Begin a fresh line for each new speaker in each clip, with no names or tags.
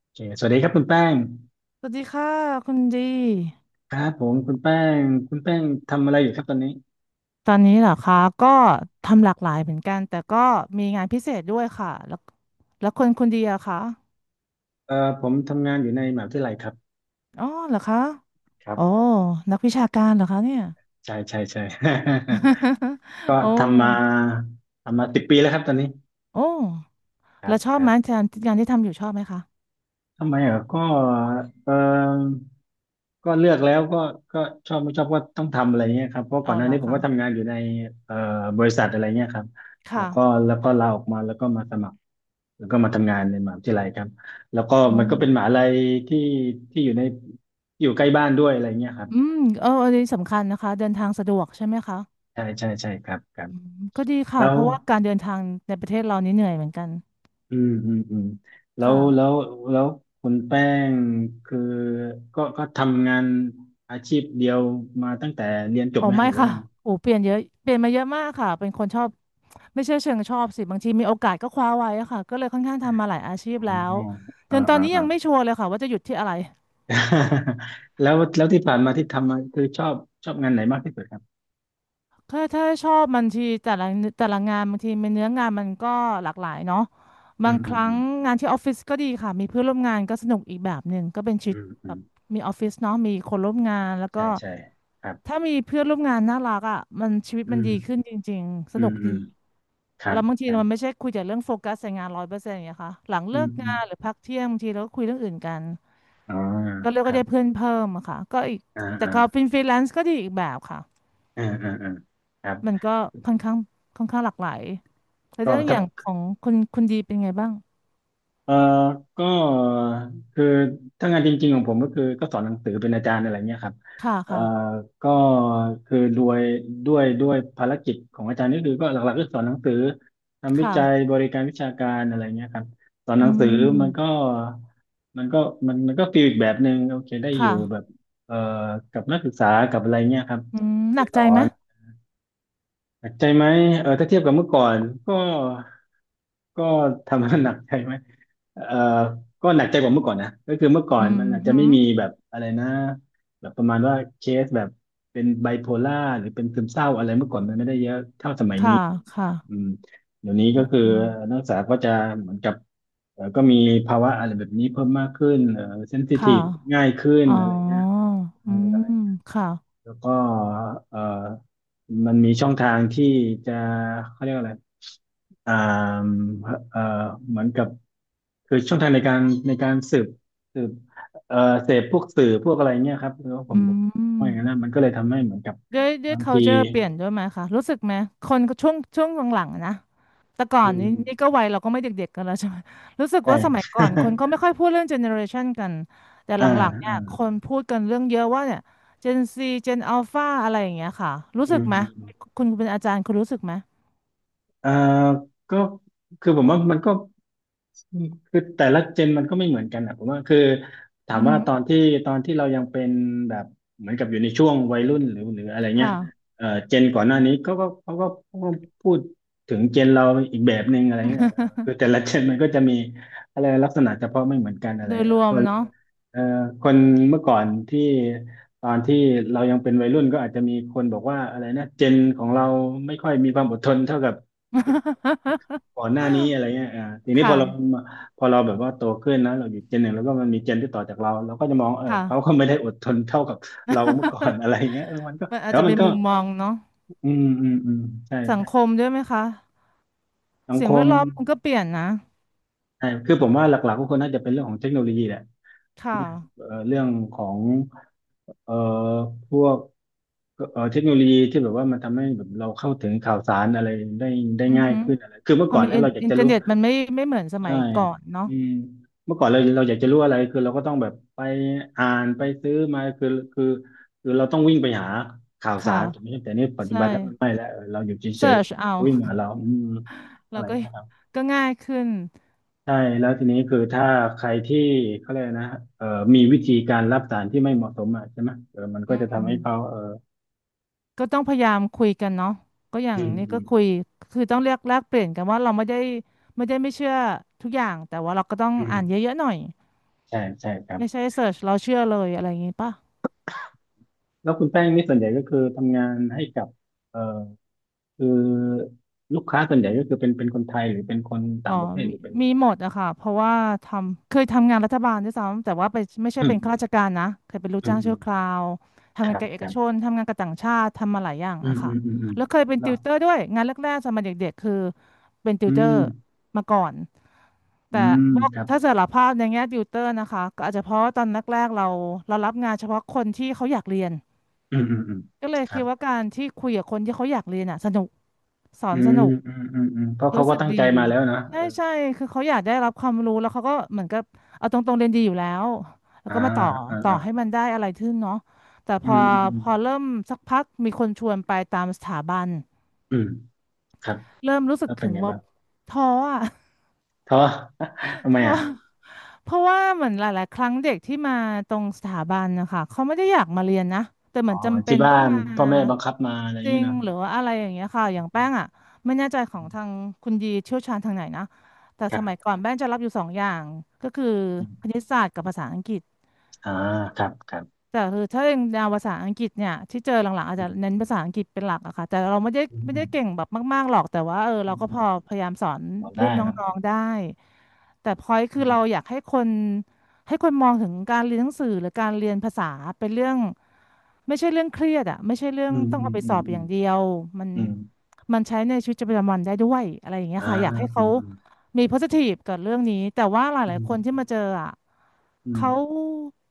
โอเคสวัสดีครับคุณแป้ง
สวัสดีค่ะคุณดี
ครับผมงคุณแป้งทำอะไรอยู่ครับตอนนี้
ตอนนี้เหรอคะก็ทำหลากหลายเหมือนกันแต่ก็มีงานพิเศษด้วยค่ะแล้วแล้วคนคุณดีอะคะ
ผมทำงานอยู่ในมหาวิทยาลัยครับ
อ๋อเหรอคะ
ครับ
โอ้นักวิชาการเหรอคะเนี่ย
ใช่ใช่ใช่ ก็
โอ้
ทำมา10 ปีแล้วครับตอนนี้
โอ้
ครั
แล้
บ
วชอ
ค
บ
รั
ไหม
บ
งานที่ทำอยู่ชอบไหมคะ
ทำไมเหรอก็เออก็เลือกแล้วก็ชอบไม่ชอบก็ต้องทำอะไรเงี้ยครับเพราะก่อ
เอา
นหน้า
เหรอ
นี้ผม
คะ
ก็ทำงานอยู่ในเอ่อบริษัทอะไรเงี้ยครับแล้วก็
ค่ะ
ลาออกมาแล้วก็มาสมัครแล้วก็มาทำงานในมหาวิทยาลัยครับแล้วก็
อ๋อ
มันก็เป็นมหาลัยที่ที่อยู่ใกล้บ้านด้วยอะไรเงี้ยครับ
อืมเอออันนี้สำคัญนะคะเดินทางสะดวกใช่ไหมคะ
ใช่ใช่ใช่ครับครับ
อืมก็ดีค่ะ
แล้
เพ
ว
ราะว่าการเดินทางในประเทศเรานี่เหนื่อยเหมือนกัน
อืมอืมอืมแล้วแล้ว
ค่ะ
แล้วคุณแป้งคือก็ทำงานอาชีพเดียวมาตั้งแต่เรียนจบ
อ๋อ
ไหมฮะ
ไม่
หรือว่า
ค่ะ
ยังไง
โอ้เปลี่ยนเยอะเปลี่ยนมาเยอะมากค่ะเป็นคนชอบไม่ใช่เชิงชอบสิบางทีมีโอกาสก็คว้าไว้อะค่ะก็เลยค่อนข้างทำมาหลายอาชีพ
อ๋อ
แล้วจ
อ่า
นตอน
อ่า
นี้ยั
อ่า
งไม่ชัวร์เลยค่ะว่าจะหยุดที่อะไร
แล้วที่ผ่านมาที่ทำมาคือชอบงานไหนมากที่สุดครับ
ถ้าชอบบางทีแต่ละงานบางทีมันเนื้องานมันก็หลากหลายเนาะ
อื
บาง
ม
ค
อืม
รั้
อื
ง
ม
งานที่ออฟฟิศก็ดีค่ะมีเพื่อนร่วมงานก็สนุกอีกแบบหนึ่งก็เป็นชี
อื
วิต
มอื
แบ
ม
บมีออฟฟิศเนาะมีคนร่วมงานแล้วก็
ใช่ใช่ครับ
ถ้ามีเพื่อนร่วมงานน่ารักอ่ะมันชีวิตมั
อื
น
ม
ดีขึ้นจริงๆส
อื
นุ
ม
ก
อื
ดี
มครั
แล้
บ
วบาง
ค
ที
รับ
มันไม่ใช่คุยแต่เรื่องโฟกัสในงานร้อยเปอร์เซ็นต์อย่างเงี้ยค่ะหลัง
อื
เลิ
ม
ก
อื
งา
ม
นหรือพักเที่ยงบางทีเราก็คุยเรื่องอื่นกัน
อ๋อ
ก็เรียก
ค
ว่า
รับ
ได้เพื่อนเพิ่มอะค่ะก็อีก
อ่า
แต่
อ่า
ก็เป็นฟรีแลนซ์ก็ดีอีกแบบค่ะ
อ่าอ่าอ่าครับ
มันก็ค่อนข้างหลากหลายแล้ว
ก็
เรื่องอ
ถ้า
ย่างของคุณดีเป็นไงบ้าง
เออก็คือถ้างานจริงๆของผมก็คือก็สอนหนังสือเป็นอาจารย์อะไรเงี้ยครับ
ค่ะ
เอ่อ
ค่ะ
ก็คือด้วยภารกิจของอาจารย์นี่คือก็หลักๆก็สอนหนังสือทำวิจัย
ค่ะ
บริการวิชาการอะไรเงี้ยครับสอนห
อื
นังสือมันก็
ม
มันก็มันก็ฟีลอีกแบบหนึ่งโอเคได้อ
ค่ะ
ยู่แบบเอ่อกับนักศึกษากับอะไรเงี้ยครับ
อืมห
ได้
นัก
ส
ใจ
อ
ไหม
น หนักใจไหมเออถ้าเทียบกับเมื่อก่อนก็ก็ ทำให้หนักใจไหมเออก็หนักใจกว่าเมื่อก่อนนะก็คือเมื่อก่อ
อื
น
ม
มันอาจจะ
หื
ไม่
ม
มีแบบอะไรนะแบบประมาณว่าเคสแบบเป็นไบโพล่าหรือเป็นซึมเศร้าอะไรเมื่อก่อนมันไม่ได้เยอะเท่าสมัยนี้
ค่ะค่ะ
อืมเดี๋ยวนี้ก็คือ
อืม
นักศึกษาก็จะเหมือนกับเออก็มีภาวะอะไรแบบนี้เพิ่มมากขึ้นเออเซนซิที
ค่ะ
ฟง่ายขึ้น
อ๋อ
อะไรเงี้ย
อืมค่ะ
แล้วก็เอ่อมันมีช่องทางที่จะเขาเรียกว่าอะไรอ่าเอ่อเหมือนกับคือช่องทางในการสืบสืบเอ่อเสพพวกสื่อพวกอะไรเงี้ยครับแล้วผม
อื
ผม
ม
ว่าอย่างนั้นนะมันก็เลยทำให้เหมือนกับ
ด้วย
บางที
culture เปลี่ยนด้วยไหมคะรู้สึกไหมคนช่วงหลังๆอะนะแต่ก่อ
อื
นนี้นี่
ม
ก็วัยเราก็ไม่เด็กๆกันแล้วใช่ไหมรู้สึก
ใช่
ว่าสมัยก่อนคนก็ไม่ค่อยพูดเรื่อง generation กันแต่ ห
อ่า
ลังๆเนี่ย
อ่า
คนพูดกันเรื่องเยอะว่าเนี่ย Gen Z Gen Alpha อะไรอย่างเงี้ยค่ะรู้
อื
สึก
ม
ไหม
อืม
คุณเป็นอาจารย์คุณรู้สึกไหม
เอ่อก็คือผมว่ามันก็คือแต่ละเจนมันก็ไม่เหมือนกันนะผมว่าคือถา
อื
ม
อ
ว่า
ฮึ
ตอนที่เรายังเป็นแบบเหมือนกับอยู่ในช่วงวัยรุ่นหรืออะไรเงี้ย
ค่ะ
เจนก่อนหน้านี้ก็เขาก็พูดถึงเจนเราอีกแบบหนึ่งอะไรเงี้ยเออคือแต่ ละเจนมันก็จะมีอะไรลักษณะเฉพาะไม่เหมือนกันอะไร
โดยร
เออ
ว
ค
ม
น
เนาะ
เอ่อคนเมื่อก่อนที่ตอนที่เรายังเป็นวัยรุ่นก็อาจจะมีคนบอกว่าอะไรนะเจนของเราไม่ค่อยมีความอดทนเท่ากับ ก่อนหน้านี้อะไร เงี้ยอ่าทีนี้พ
ค่ะ
อเราแบบว่าโตขึ้นนะเราอยู่เจนหนึ่งแล้วก็มันมีเจนที่ต่อจากเราเราก็จะมองเออ
ค่ะ
เขาก็ไม่ได้อดทนเท่ากับ เราเมื่อก่อนอะไรเงี้ยเออมันก็
มันอา
แต่
จจะ
ว่ามั
เป็
น
น
ก็
มุมมองเนาะ
อืมอืมอืมใช่
สัง
ใช่
คมด้วยไหมคะ
สัง
สิ่
ค
งแว
ม
ดล้อมมันก็เปลี่ยนนะ
ใช่คือผมว่าหลักๆก็คงน่าจะเป็นเรื่องของเทคโนโลยีแหละใช่
ค่ะ
ไหมเออเรื่องของเอ่อพวกเทคโนโลยีที่แบบว่ามันทำให้แบบเราเข้าถึงข่าวสารอะไรได้ได้
อือ
ง่าย
หือ
ขึ้นอะไรคือเมื่
พ
อ
อ
ก่อน
มี
เนี่ยเราอยาก
อิน
จะ
เทอร์
รู้
เน็ตมันไม่เหมือนส
ใช่
มัยก่อนเนาะ
อืมเมื่อก่อนเราอยากจะรู้อะไรคือเราก็ต้องแบบไปอ่านไปซื้อมาคือคือเราต้องวิ่งไปหาข่าวสา
ค่ะ
รถูกไหมแต่นี่ปัจจุ
ใช่
บันแล้วมันไม่แล้วเออเราอยู่เฉ
เสิ
ย
ร์ชเอา
ๆวิ่งมาเราอืม อะ
เรา
ไร
ก็
เงี้ยครับ
ก็ง่ายขึ้น
ใช่แล้วทีนี้คือถ้าใครที่เขาเรียกนะเอ่อมีวิธีการรับสารที่ไม่เหมาะสมอ่ะใช่ไหมเออมันก็
อื
จะ
ม
ทำให้เขาเออ
ก็ต้องพยายามคุยกันเนาะก็อย่าง
อืม
นี้
อื
ก็
ม
คุยคือต้องเรียกแลกเปลี่ยนกันว่าเราไม่ได้ไม่เชื่อทุกอย่างแต่ว่าเราก็ต้อง
อืม
อ่านเยอะๆหน่อย
ใช่ใช่ครับ
ไม่ใช่เสิร์ชเราเชื่อเลยอะไรอย่างงี้ป่ะ
แล้วคุณแป้งนี่ส่วนใหญ่ก็คือทำงานให้กับเอ่อ คือลูกค้าส่วนใหญ่ก็คือเป็นคนไทยหรือเป็นคน
อ๋อ
ต่างประเทศห
มี
รือเป็น
มีหมดอะค่ะเพราะว่าทำเคยทำงานรัฐบาลด้วยซ้ำแต่ว่าไปไม่ใช่
อืม
เป็น
อื
ข้า
ม
ราชการนะเคยเป็นลูก
อืม
จ้าง
อืม
ชั่วคราว
ค
ทำงาน
รับ
กับเอ
ค
ก
รั
ชน
บ
ทำงานกับต่างชาติทำมาหลายอย่าง
อืม
อะ
อื
ค่ะ
มอืมอืม
แล้วเคยเป็นติ
เนาะ
วเตอร์ด้วยงานแรกๆสมัยเด็กๆคือเป็นติ
อื
วเตอ
ม
ร์มาก่อน
อื
แต่
ม
บอก
ครับ
ถ้าสารภาพในแง่ติวเตอร์นะคะก็อาจจะเพราะว่าตอนแรกๆเรารับงานเฉพาะคนที่เขาอยากเรียน
อืมอืมอืม
ก็เลย
ครั
คิด
บ
ว่าการที่คุยกับคนที่เขาอยากเรียนอะสนุกสอ
อื
นส
ม
นุก
อืมอืมอืมเพราะเขา
รู้
ก็
สึก
ตั้ง
ดี
ใจมาแล้วนะ
ใช่
เออ
ใช่คือเขาอยากได้รับความรู้แล้วเขาก็เหมือนกับเอาตรงๆเรียนดีอยู่แล้วแล้ว
อ่า
ก็มาต่อ
อ่า
ต่อ
อ่า
ให้มันได้อะไรขึ้นเนาะแต่พ
อื
อ
มอืมอืม
เริ่มสักพักมีคนชวนไปตามสถาบัน
อืมครับ
เริ่มรู้สึก
แล้วเป็
ถึ
น
ง
ไง
ว่า
บ้าง
ท้ออ่ะ
ท้อ ทำ
เพ
ไม
ราะ
อ่ะ
เพราะว่าเหมือนหลายๆ ครั้งเด็กที่มาตรงสถาบันนะคะเขาไม่ได้อยากมาเรียนนะแต่เห
อ๋
มื
อ
อน
เหมือน
จำเป็
ที่
น
บ้า
ต้อง
น
มา
พ่อแม่บังคับมาอะไรอย่า
จ
ง
ริ
นี้
ง
เนาะ
หรือว่าอะไรอย่างเงี้ยค่ะ
อ
อย่าง
ื
แป้ง
ม
อ่ะไม่แน่ใจขอ
อื
งทาง
ม
คุณยีเชี่ยวชาญทางไหนนะแต่
ครั
ส
บ
มัยก่อนแป้งจะรับอยู่สองอย่างก็คือ
อื
คณิ
ม
ตศาสตร์กับภาษาอังกฤษ
อ่าครับครับ
แต่คือถ้าเป็นแนวภาษาอังกฤษเนี่ยที่เจอหลังๆอาจ
อื
จะ
ม
เน้นภาษาอังกฤษเป็นหลักอะค่ะแต่เราไม่ได้
อืมอืม
เก่งแบบมากๆหรอกแต่ว่าเออ
อื
เรา
ม
ก็
อื
พ
ม
อพยายามสอน
พอได้
รุ่นน
เนาะ
้องๆได้แต่พอยคือเราอยากให้คนให้คนมองถึงการเรียนหนังสือหรือการเรียนภาษาเป็นเรื่องไม่ใช่เรื่องเครียดอะไม่ใช่เรื่อ
อื
ง
ม
ต้อง
อืม
เอาไป
อื
สอ
ม
บ
อื
อ
ม
ย่างเดียวมัน
อืม
ใช้ในชีวิตประจำวันได้ด้วยอะไรอย่างเงี้ย
อ่า
ค่ะอยากให้
อื
เขา
มอืม
มี positive กับเรื่องนี้แต่ว่าห
อื
ลาย
ม
ๆ คนที่มาเจออ่ะ
อืม
เขา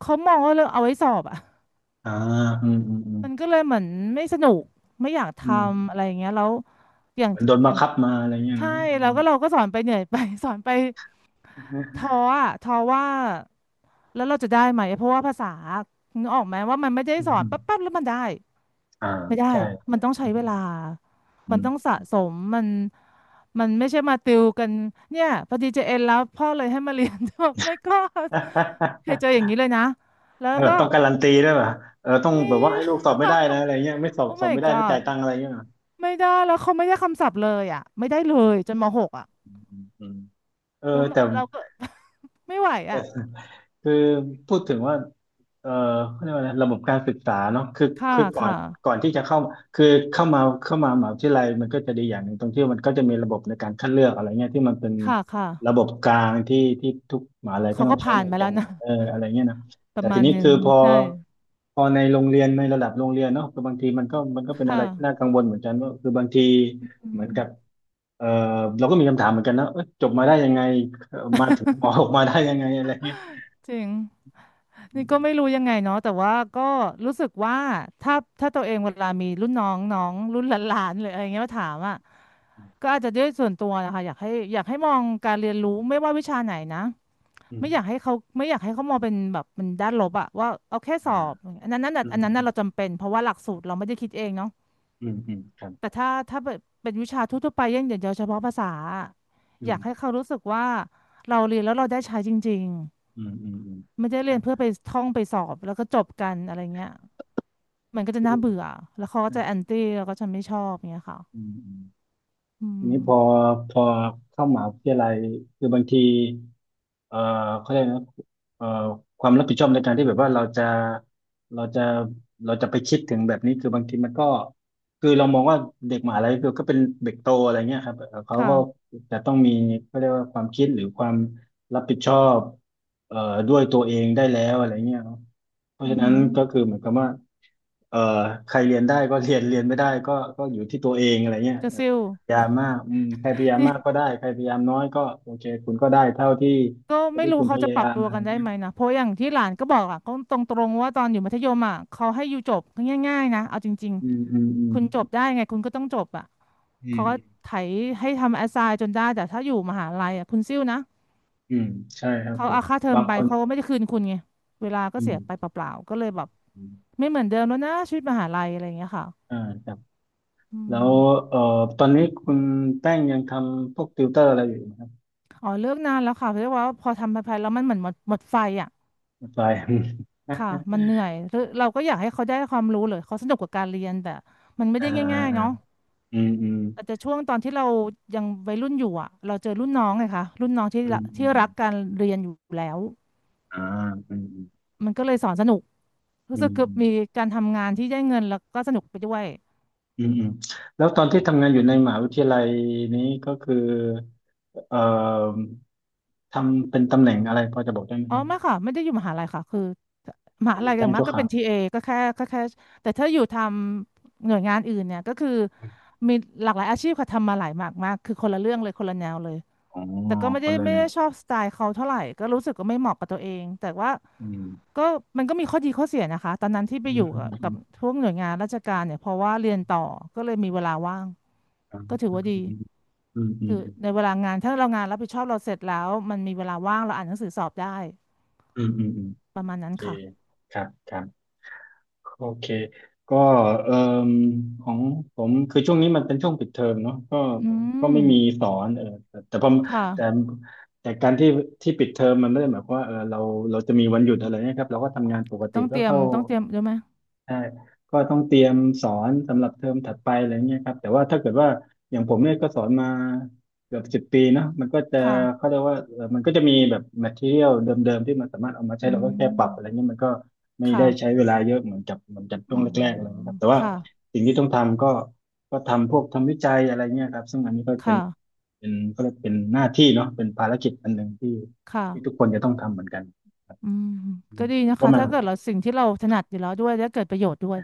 เขามองว่าเรื่องเอาไว้สอบอ่ะ
อ่าอืมอืมอืม
มันก็เลยเหมือนไม่สนุกไม่อยากท
อืม
ำอะไรอย่างเงี้ยแล้วอย่าง
เหมือนโดน
อ
บัง
ย่าง
คับมาอะไรเงี้ย
ใช่
นะอื
แล้ว
ม
ก็เราก็สอนไปเหนื่อยไป สอนไป
อ
ท้อ
ื
อ่ะท้อว่าแล้วเราจะได้ไหมเพราะว่าภาษานึกออกไหมว่ามันไม่ได้
มอื
สอน
ม
ปั๊บๆ แล้วมันได้
อ่า
ไม่ได้
ใช่
มันต้อง
อื
ใช้เว
ม
ลา
อื
มัน
ม
ต้อง
อืม
สะสมมันมันไม่ใช่มาติวกัน เนี่ยพอดีเจเอ็นแล้วพ่อเลยให้มาเรียน แบบไม่ก็เคยเจออย่าง นี้เลยนะ แล้
แล
ว
บบ
ก็
ต้องการันตีด้วยป่ะเออต้อง
ไม่
แบบว่าให้ลูกสอบไม่ได้นะ อะไรเงี้ยไม่สอบ
โอ้
สอบ
my
ไม่ได้ไม่จ่าย
god
ตังค์อะไรเงี้ยเหรอ
ไม่ได้ แล้วเขาไม่ได้คำศัพท์เลยอ่ะไม่ได้เลยจนมหกอ่ะ
อืมอืมเออ
แล้วมัน
แต่
เราก็ ไม่ไหวอ่ะ
คือพูดถึงว่าเอ่อเขาเรียกว่าอะไรระบบการศึกษาเนาะคือ
ค่ะ
คือก่อน
ค่ะ
ก่อนที่จะเข้าคือเข้ามามหาวิทยาลัยมันก็จะดีอย่างหนึ่งตรงที่มันก็จะมีระบบในการคัดเลือกอะไรเงี้ยที่มันเป็น
ค่ะค่ะ
ระบบกลางที่ทุกมหาลัยก็
เขา
ต้อ
ก็
งใช้
ผ่าน
เหมือน
มา
กั
แล้
น
วนะ
เอออะไรเงี้ยนะ
ป
แต่
ระมา
ที
ณ
นี้
หนึ่ง
คือพอ
ใช่
พอในโรงเรียนในระดับโรงเรียนเนาะคือบางทีมันก็มันก็เป็นอะ
ค่ะ
ไรที่น่ากังวลเหมือนกันว่าคือบางที
อื
เหมือ
ม
นกับเออเราก็มีคำถามเหมือนกันนะเอ้ยจบมาได้ยังไงมาถึงหมอออก มาได้ยังไงอะไรเงี้ย
จริง นี่ก็ไม่รู้ยังไงเนาะแต่ว่าก็รู้สึกว่าถ้าถ้าตัวเองเวลามีรุ่นน้องน้องรุ่นหลานๆหรืออะไรเงี้ยมาถามอ่ะก็อาจจะด้วยส่วนตัวนะคะอยากให้มองการเรียนรู้ไม่ว่าวิชาไหนนะ
อื
ไม่อยาก
ม
ให้เขาไม่อยากให้เขามองเป็นแบบเป็นด้านลบอะว่าเอาแค่
อ
สอ
อา
บอันนั้นนั่นน่ะ
อื
อั
ม
นนั้น
อื
น่ะ
ม
เราจำเป็นเพราะว่าหลักสูตรเราไม่ได้คิดเองเนาะ
อืมอืมครับ
แต่ถ้าเป็นวิชาทั่วๆไปอย่างเดียวเฉพาะภาษาอะ
อื
อยากให้
ม
เขารู้สึกว่าเราเรียนแล้วเราได้ใช้จริง
อืมอืมอืม
ไม่ได้เรี
ใช่
ยนเพื่อไปท่องไปสอบแล้วก็จบกันอะไรเงี้ยมันก็จะ
คื
น่า
อ
เบื่อแล้วเขาก็จะแอ
อ
นตี้แล้วก็จะไม่ชอบเงี้ยค่ะ
ืมอืม
อื
ที
ม
นี้พอเข้ามหาวิทยาลัยคือบางทีเอ่อเขาเรียกนะเอ่อความรับผิดชอบในการที่แบบว่าเราจะเราจะไปคิดถึงแบบนี้ คือบางทีมันก็คือเรามองว่าเด็กมหาลัยคือก็เป็นเด็กโตอะไรเงี้ยครับเขาก็
ค่ะ
จะต้องมีเขาเรียกว่าความคิดหรือความรับผิดชอบเอ่อด้วยตัวเองได้แล้วอะไรเงี้ย เพราะ
อื
ฉะ
อ
นั้
หื
น
อ
ก็คือเหมือนกับว่าเอ่อใครเรียนได้ก็ เรียนไม่ได้ก็ก็อยู่ที่ตัวเองอะไรเงี้ย
กระ
เออ
ซิว
พยายามมากอืมใครพยายา ม
นี่
มากก็ได้ใครพยายามน้อยก็โอเคคุณก็ได้เท่าที่
ก็
เท่า
ไม่
ที่
รู้
คุณพ
เขาจะ
ยา
ปรั
ยา
บ
ม
ตัว
อะไร
กันได้
เงี้ย
ไหมนะเพราะอย่างที่หลานก็บอกอ่ะก็ตรงๆว่าตอนอยู่มัธยมอ่ะเขาให้อยู่จบง่ายๆนะเอาจริง
อืมอืมอื
ๆ
ม
คุณจบได้ไงคุณก็ต้องจบอ่ะ
อื
เขาก็
ม
ไถให้ทำแอสไซน์จนได้แต่ถ้าอยู่มหาลัยอ่ะคุณซิ่วนะ
อืมอืมใช่ครับ
เขา
ผม
เอาค่าเทอม
บาง
ไป
คน
เขาไม่ได้คืนคุณไงเวลาก็
อื
เสียไป
ม
เปล่าๆก็เลยแบบ
อืม
ไม่เหมือนเดิมแล้วนะชีวิตมหาลัยอะไรอย่างเงี้ยค่ะ
อ่าครับ
อื
แล้ว
ม
เอ่อตอนนี้คุณแป้งยังทำพวกติวเตอร์อะไรอยู่ไหมครับ
อ๋อเลิกนานแล้วค่ะเพราะว่าพอทำไปๆแล้วมันเหมือนหมดไฟอ่ะ
ไป
ค่ะมันเหนื่อยหรือเราก็อยากให้เขาได้ความรู้หรือเขาสนุกกับการเรียนแต่มันไม่
อ่า
ได้
อ่า
ง่ายๆ
อ่า
เนาะ
ออืม
อาจจะช่วงตอนที่เรายังวัยรุ่นอยู่อ่ะเราเจอรุ่นน้องไงคะรุ่นน้องที่
อื
ละ
มอื
ที่
มอื
รั
ม
กการเรียนอยู่แล้ว
อ่าอืมอืม
มันก็เลยสอนสนุก
อื
รู้สึกคือมี
ม
การทำงานที่ได้เงินแล้วก็สนุกไปด้วย
อืมอืมแล้วตอนที่ทำงานอยู่ในมหาวิทยาลัยนี้ก็คือเอ่อทำเป็นตำแหน่งอะไรพอจะบอกได้ไหม
อ๋อ
ครับ
ไม่ค่ะไม่ได้อยู่มหาลัยค่ะคือมหา
เป็น
ลั
ลู
ย
ก
อ
จ้า
ย่าง
ง
มาก
ชั่ว
ก็
ครา
เป็
ว
นทีเอก็แค่แต่ถ้าอยู่ทำหน่วยงานอื่นเนี่ยก็คือมีหลากหลายอาชีพค่ะทำมาหลายมากมากคือคนละเรื่องเลยคนละแนวเลย
อ๋อ
แต่ก็ไม่
ค
ได้
นละ
ไม่
แนว
ได้ชอบสไตล์เขาเท่าไหร่ก็รู้สึกก็ไม่เหมาะกับตัวเองแต่ว่า
อืม
ก็มันก็มีข้อดีข้อเสียนะคะตอนนั้นที่ไป
อื
อ
ม
ยู่
อื
กับ
ม
พวกหน่วยงานราชการเนี่ยเพราะว่าเรียนต่อก็เลยมีเวลาว่างก็ถือว่าดี
อืมอื
คื
ม
อในเวลางานถ้าเรางานรับผิดชอบเราเสร็จแล้วมันมีเวลาว่างเราอ่านหนังสือสอบได้
อืมอืมอืมอืมอืมอื
ประมาณ
มโอ
นั้น
เค
ค่ะ
ครับครับ โอเค ก็เอ่มของผมคือช่วงนี้มันเป็นช่วงปิดเทอมเนาะก็
อืม
ก็ไม่มีสอนเออแต่แต่พอ
ค
แต่
่ะ
แต่การที่ที่ปิดเทอมมันไม่ได้หมายความว่าเออเราจะมีวันหยุดอะไรนะครับเราก็ทำงานปก
ก็
ติ
ต้อง
ก็
เตรียม
เข้า
ต้องเตรียมใช่ไหม
ใช่ ก็ต้องเตรียมสอนสำหรับเทอมถัดไปอะไรเงี้ยครับแต่ว่าถ้าเกิดว่าอย่างผมเนี่ยก็สอนมาเกือบสิบปีเนาะมันก็จะ
ค่ะ
เขาเรียกว่ามันก็จะมีแบบ material เดิมๆที่มันสามารถเอามาใช้
อื
เราก็แค่ปรับอะไร
ม
เงี้ยมันก็ไม่ได้ใช้
ค่ะ
เวลาเยอะเหมือนกับช่ว
อื
ง
ม
แรกๆอะไรเงี้ยครับแต่ว่า
ค่ะ
สิ่งที่ต้องทำก็ก็ทำพวกทำวิจัยอะไรเงี้ยครับ ซึ่งอันนี้ก็เป็น
ค่ะ
เป็นก็เรียกเป็นหน้าที่เนาะเป็นภารกิจอันหนึ่งที่
ค่ะ
ที่ทุกคนจะต้องทำเหมือนกัน
อืม
อื
ก็
ม
ดีนะ
เพราะ
คะ
มัน
ถ้าเกิดเราสิ่งที่เราถนัดอยู่แล้วด้วยและเกิดประโยชน์ด้วย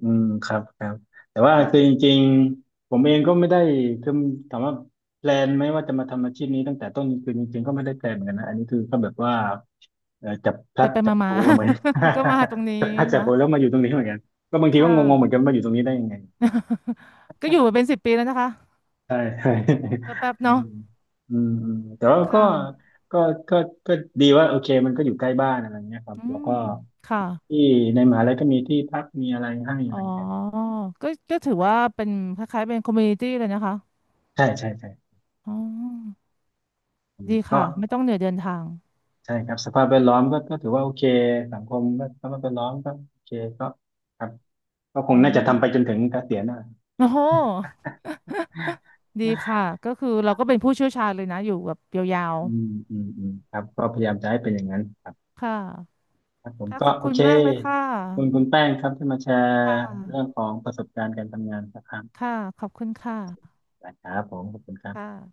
อืมครับครับแต่ว่า
ค่ะ
คือจริงๆผมเองก็ไม่ได้คือถามว่าแพลนไหมว่าจะมาทำอาชีพนี้ตั้งแต่ต้นคือจริงๆก็ไม่ได้แพลนเหมือนกันนะอันนี้คือก็แบบว่าเออจับพ
ไป
ลัด
ไป
จั
มา
บ
มา
ถู
ๆ
มาเหมือน
ก็มาตรงนี้
จับพลัดจับผลูแล้ว
ค่ะ
มาอยู่ตรงนี้เหมือนกันก็บางทีก็
ค่ะ
งงๆเหมือนกันมาอยู่ตรงนี้ได้ยังไง
ก็อยู่มาเป็น10 ปีแล้วนะคะ
ใช่ใช่
แป๊บๆ
อื
เนาะ
มอืมอืมแต่ว่า
ค่ะ
ก็ก็ก็ดีว่าโอเคมันก็อยู่ใกล้บ้านอะไรเงี้ยครับ
อื
แล้ว
ม
ก็
ค่ะ
ที่ในมหาลัยก็มีที่พักมีอะไรให้อะ
อ๋
ไร
อ
เงี้ย
ก็ถือว่าเป็นคล้ายๆเป็นคอมมูนิตี้เลยนะคะ
ใช่ใช่ใช่
อ๋อ
อืม
ดี
ก็
ค่ะไม่ต้องเหนื่อยเดินทาง
ใช่ครับสภาพแวดล้อมก็ก็ถือว่าโอเคสังคมก็สภาพแวดล้อมก็โอเคก็ครับก็ค
อื
งน่าจะ
ม
ทำไปจนถึงเกษียณนะ
โอ้โหดีค่ะก็คือเราก็เป็นผู้เชี่ยวชาญเลยนะอยู่แบบยาว
อืมอืมอืมครับก็พยายามจะให้เป็นอย่างนั้นครับ
ๆค่ะ
ครับผม
ค่ะ
ก็
ขอบ
โอ
คุณ
เค
มากเลยค่ะ
ขอบคุณคุณแป้งครับที่มาแชร์
ค่
เรื่อง
ะ
ของประสบการณ์การทำงานสักครั้ง
ค่ะขอบคุณค่ะ
นะครับผมขอบคุณครับ
ค่ะ